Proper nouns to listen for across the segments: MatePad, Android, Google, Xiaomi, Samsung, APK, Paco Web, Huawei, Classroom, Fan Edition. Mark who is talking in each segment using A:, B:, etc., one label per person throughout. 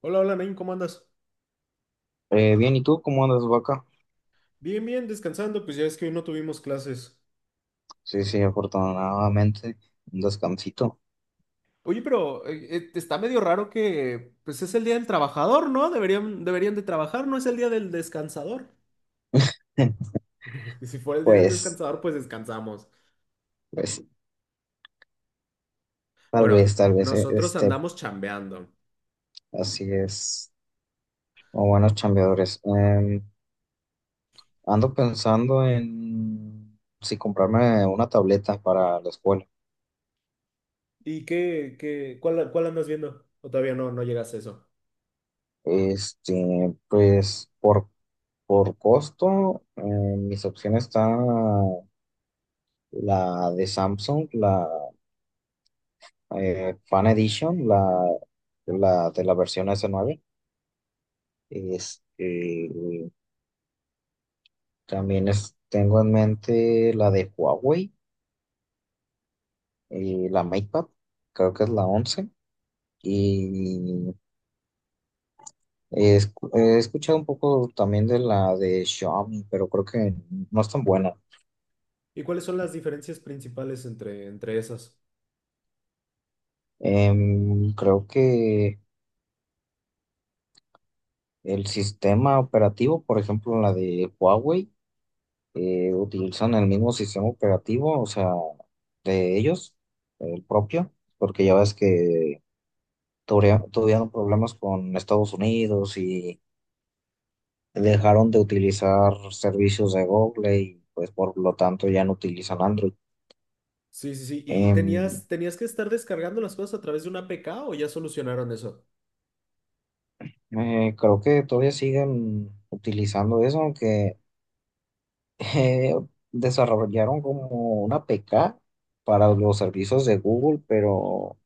A: Hola, hola, Nain, ¿cómo andas?
B: Bien, ¿y tú cómo andas, vaca?
A: Bien, bien, descansando, pues ya es que hoy no tuvimos clases.
B: Sí, sí, afortunadamente, un descansito.
A: Oye, pero está medio raro que pues es el día del trabajador, ¿no? Deberían de trabajar, no es el día del descansador. Si fuera el día del
B: Pues,
A: descansador, pues descansamos.
B: pues, tal vez,
A: Bueno,
B: tal vez, eh,
A: nosotros
B: este,
A: andamos chambeando.
B: así es, o buenos chambeadores. Ando pensando en si comprarme una tableta para la escuela.
A: ¿Y cuál andas viendo? ¿O todavía no llegas a eso?
B: Pues, por costo, mis opciones están la de Samsung, la Fan Edition, la de la versión S9. Este, También tengo en mente la de Huawei, la MatePad, creo que es
A: Oh.
B: la 11. Y he escuchado un poco también de la de Xiaomi, pero creo que no es tan buena.
A: ¿Y cuáles son las diferencias principales entre esas?
B: Creo que el sistema operativo, por ejemplo, la de Huawei, utilizan el mismo sistema operativo, o sea, de ellos, el propio, porque ya ves que tuvieron problemas con Estados Unidos y dejaron de utilizar servicios de Google y pues por lo tanto ya no utilizan Android.
A: Sí, sí, sí. ¿Y
B: Em,
A: tenías que estar descargando las cosas a través de una APK o ya solucionaron eso?
B: Creo que todavía siguen utilizando eso, aunque eh, desarrollaron como una APK para los servicios de Google, pero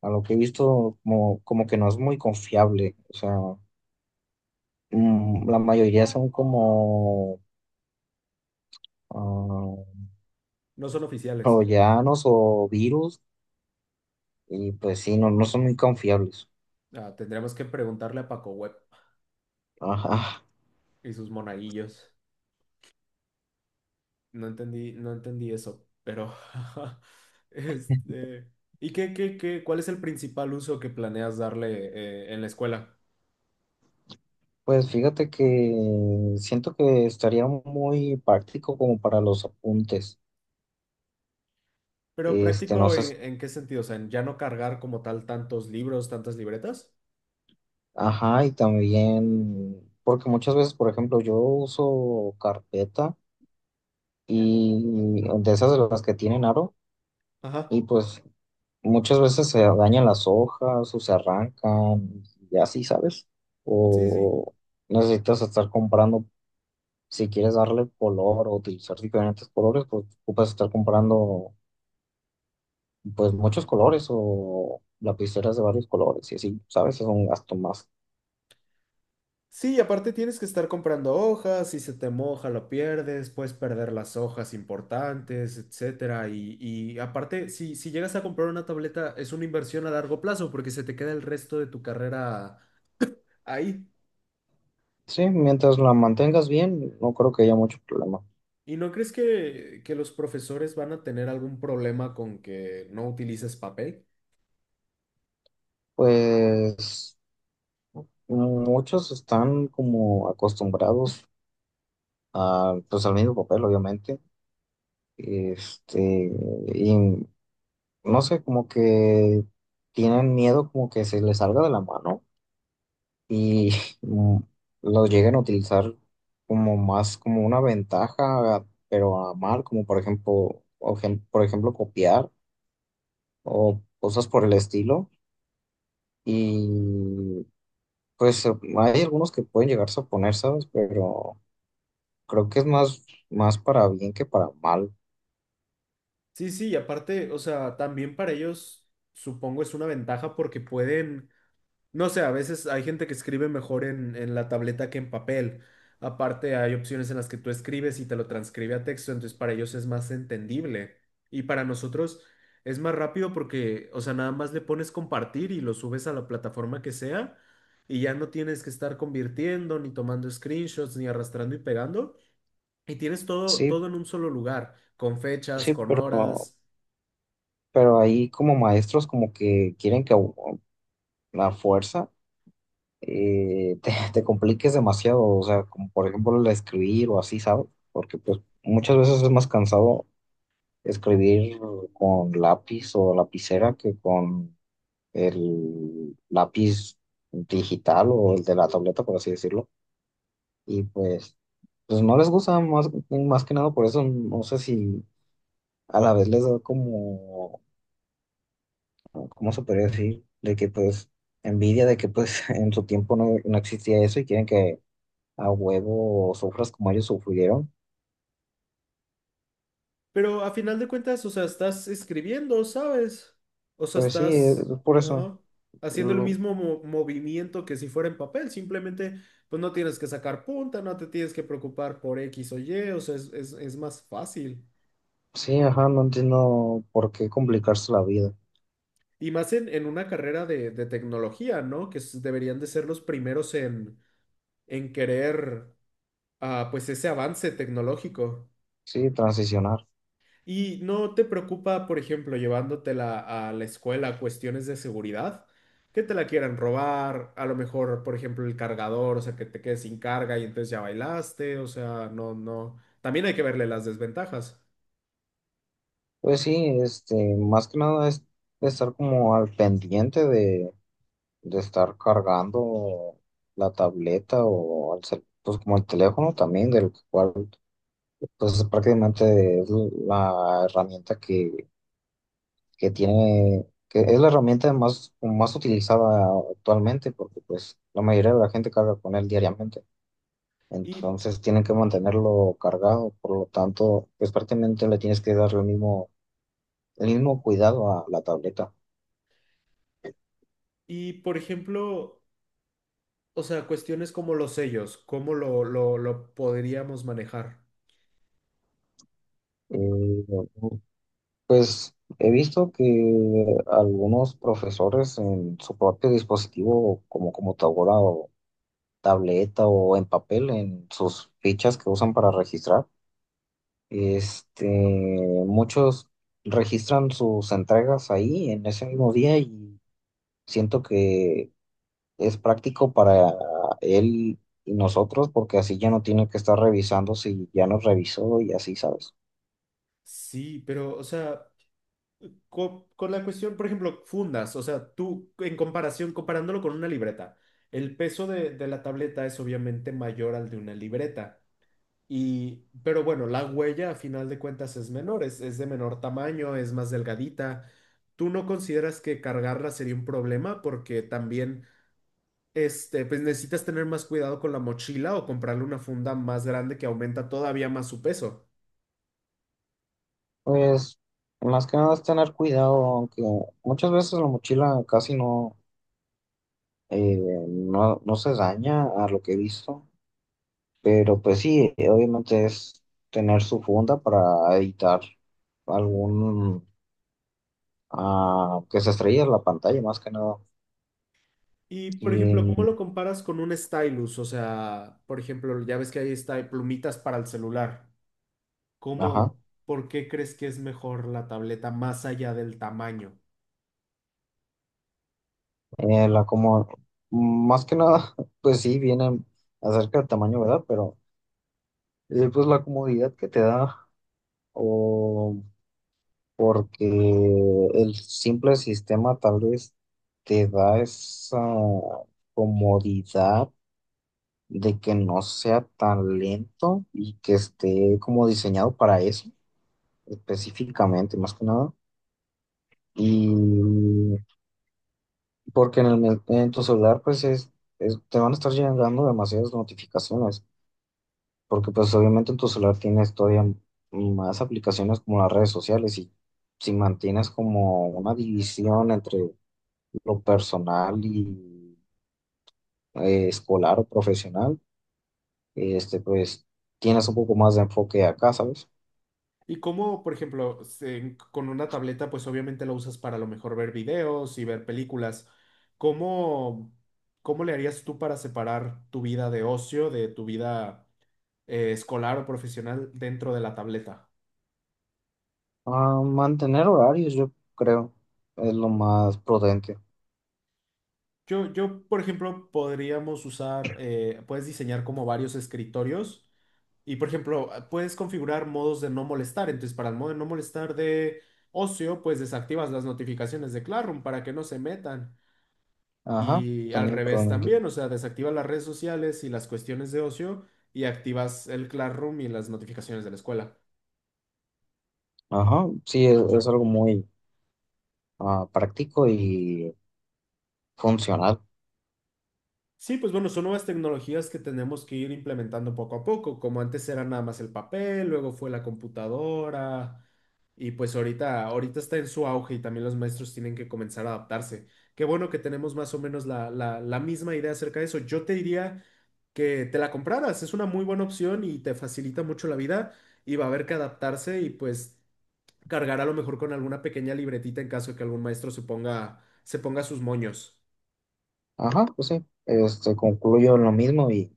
B: a lo que he visto como que no es muy confiable. O sea, la mayoría son como ah,
A: No son oficiales.
B: troyanos o virus. Y pues sí, no, no son muy confiables.
A: Ah, tendremos que preguntarle a Paco Web
B: Ajá.
A: y sus monaguillos. No entendí eso, pero este, ¿y cuál es el principal uso que planeas darle en la escuela?
B: Pues fíjate que siento que estaría muy práctico como para los apuntes.
A: Pero
B: No
A: práctico
B: sé,
A: en qué sentido, o sea, en ya no cargar como tal tantos libros, tantas libretas.
B: ajá, y también, porque muchas veces, por ejemplo, yo uso carpeta y de esas de las que tienen aro,
A: Ajá.
B: y pues muchas veces se dañan las hojas o se arrancan y así, ¿sabes?
A: Sí, sí.
B: O necesitas estar comprando si quieres darle color o utilizar diferentes colores, pues ocupas estar comprando pues muchos colores o lapiceras de varios colores y así, ¿sabes? Es un gasto más.
A: Sí, y aparte tienes que estar comprando hojas, si se te moja lo pierdes, puedes perder las hojas importantes, etcétera. Y aparte, si, si llegas a comprar una tableta, es una inversión a largo plazo porque se te queda el resto de tu carrera ahí.
B: Sí, mientras la mantengas bien, no creo que haya mucho problema.
A: ¿Y no crees que los profesores van a tener algún problema con que no utilices papel?
B: Pues muchos están como acostumbrados a pues al mismo papel, obviamente. Este, y no sé, como que tienen miedo como que se les salga de la mano y mm, lo llegan a utilizar como más como una ventaja, pero a mal, como por ejemplo, por ejemplo copiar o cosas por el estilo. Y pues hay algunos que pueden llegarse a poner, ¿sabes? Pero creo que es más, más para bien que para mal.
A: Sí, sí, y aparte, o sea, también para ellos supongo es una ventaja porque pueden. No sé, a veces hay gente que escribe mejor en la tableta que en papel. Aparte, hay opciones en las que tú escribes y te lo transcribe a texto, entonces para ellos es más entendible. Y para nosotros es más rápido porque, o sea, nada más le pones compartir y lo subes a la plataforma que sea y ya no tienes que estar convirtiendo, ni tomando screenshots, ni arrastrando y pegando. Y tienes todo,
B: Sí,
A: todo en un solo lugar, con fechas,
B: sí,
A: con
B: pero,
A: horas.
B: pero ahí como maestros como que quieren que a la fuerza. Te compliques demasiado, o sea, como por ejemplo el escribir o así, ¿sabes? Porque pues muchas veces es más cansado escribir con lápiz o lapicera que con el lápiz digital o el de la tableta, por así decirlo. Y pues no les gusta más, más que nada, por eso no sé si a la vez les da como, ¿cómo se podría decir? De que pues envidia de que pues en su tiempo no, no existía eso y quieren que a huevo sufras como ellos sufrieron.
A: Pero a final de cuentas, o sea, estás escribiendo, ¿sabes? O sea,
B: Pues sí, es
A: estás,
B: por eso.
A: ajá, haciendo el
B: Lo-
A: mismo movimiento que si fuera en papel. Simplemente, pues no tienes que sacar punta, no te tienes que preocupar por X o Y, o sea, es, es más fácil.
B: sí, ajá, no entiendo por qué complicarse la vida.
A: Y más en una carrera de tecnología, ¿no? Que deberían de ser los primeros en querer, pues, ese avance tecnológico.
B: Sí, transicionar.
A: ¿Y no te preocupa, por ejemplo, llevándotela a la escuela cuestiones de seguridad? Que te la quieran robar, a lo mejor, por ejemplo, el cargador, o sea, que te quedes sin carga y entonces ya bailaste, o sea, no, no. También hay que verle las desventajas.
B: Pues sí, más que nada es estar como al pendiente de estar cargando la tableta o pues como el teléfono también, del cual pues prácticamente es la herramienta que tiene, que es la herramienta más, más utilizada actualmente, porque pues la mayoría de la gente carga con él diariamente.
A: Y,
B: Entonces tienen que mantenerlo cargado, por lo tanto, pues prácticamente le tienes que dar el mismo cuidado a la tableta.
A: y por ejemplo, o sea, cuestiones como los sellos, ¿cómo lo podríamos manejar?
B: Eh, pues he visto que algunos profesores en su propio dispositivo, como computadora o tableta o en papel, en sus fichas que usan para registrar. Este, Muchos registran sus entregas ahí en ese mismo día y siento que es práctico para él y nosotros porque así ya no tiene que estar revisando si ya nos revisó y así, ¿sabes?
A: Sí, pero, o sea, con, la cuestión, por ejemplo, fundas, o sea, tú en comparación, comparándolo con una libreta, el peso de la tableta es obviamente mayor al de una libreta. Y, pero bueno, la huella a final de cuentas es menor, es de menor tamaño, es más delgadita. ¿Tú no consideras que cargarla sería un problema? Porque también, este, pues necesitas tener más cuidado con la mochila o comprarle una funda más grande que aumenta todavía más su peso.
B: Pues más que nada es tener cuidado, aunque muchas veces la mochila casi no, eh, no, no se daña a lo que he visto, pero pues sí, obviamente es tener su funda para evitar algún que se estrella la pantalla más que nada.
A: Y, por ejemplo, ¿cómo
B: Y,
A: lo comparas con un stylus? O sea, por ejemplo, ya ves que ahí está plumitas para el celular.
B: ajá,
A: ¿Cómo, por qué crees que es mejor la tableta más allá del tamaño?
B: la como, más que nada, pues sí, viene acerca del tamaño, ¿verdad? Pero pues la comodidad que te da, o porque el simple sistema tal vez te da esa comodidad de que no sea tan lento y que esté como diseñado para eso específicamente, más que nada. Y porque en tu celular, pues te van a estar llegando demasiadas notificaciones, porque pues obviamente en tu celular tienes todavía más aplicaciones como las redes sociales y si mantienes como una división entre lo personal y escolar o profesional, pues tienes un poco más de enfoque acá, ¿sabes?
A: Y cómo, por ejemplo, con una tableta, pues obviamente la usas para a lo mejor ver videos y ver películas. ¿Cómo, cómo le harías tú para separar tu vida de ocio de tu vida escolar o profesional dentro de la tableta?
B: Ah, mantener horarios, yo creo, es lo más prudente.
A: Por ejemplo, podríamos usar, puedes diseñar como varios escritorios y, por ejemplo, puedes configurar modos de no molestar. Entonces, para el modo de no molestar de ocio, pues desactivas las notificaciones de Classroom para que no se metan.
B: Ajá,
A: Y al
B: también
A: revés
B: prudente.
A: también, o sea, desactivas las redes sociales y las cuestiones de ocio y activas el Classroom y las notificaciones de la escuela.
B: Ajá, sí, es algo muy práctico y funcional.
A: Sí, pues bueno, son nuevas tecnologías que tenemos que ir implementando poco a poco, como antes era nada más el papel, luego fue la computadora. Y pues ahorita, ahorita está en su auge y también los maestros tienen que comenzar a adaptarse. Qué bueno que tenemos más o menos la misma idea acerca de eso. Yo te diría que te la compraras, es una muy buena opción y te facilita mucho la vida y va a haber que adaptarse y pues cargar a lo mejor con alguna pequeña libretita en caso de que algún maestro se ponga sus moños.
B: Ajá, pues sí, concluyo en lo mismo y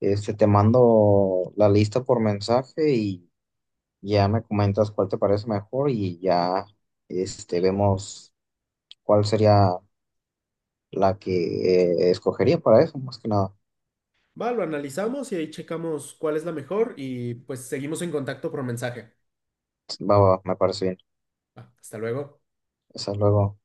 B: te mando la lista por mensaje y ya me comentas cuál te parece mejor y ya vemos cuál sería la que escogería para eso, más que nada.
A: Va, lo analizamos y ahí checamos cuál es la mejor y pues seguimos en contacto por mensaje.
B: Va, va, me parece bien.
A: Va, hasta luego.
B: Hasta luego.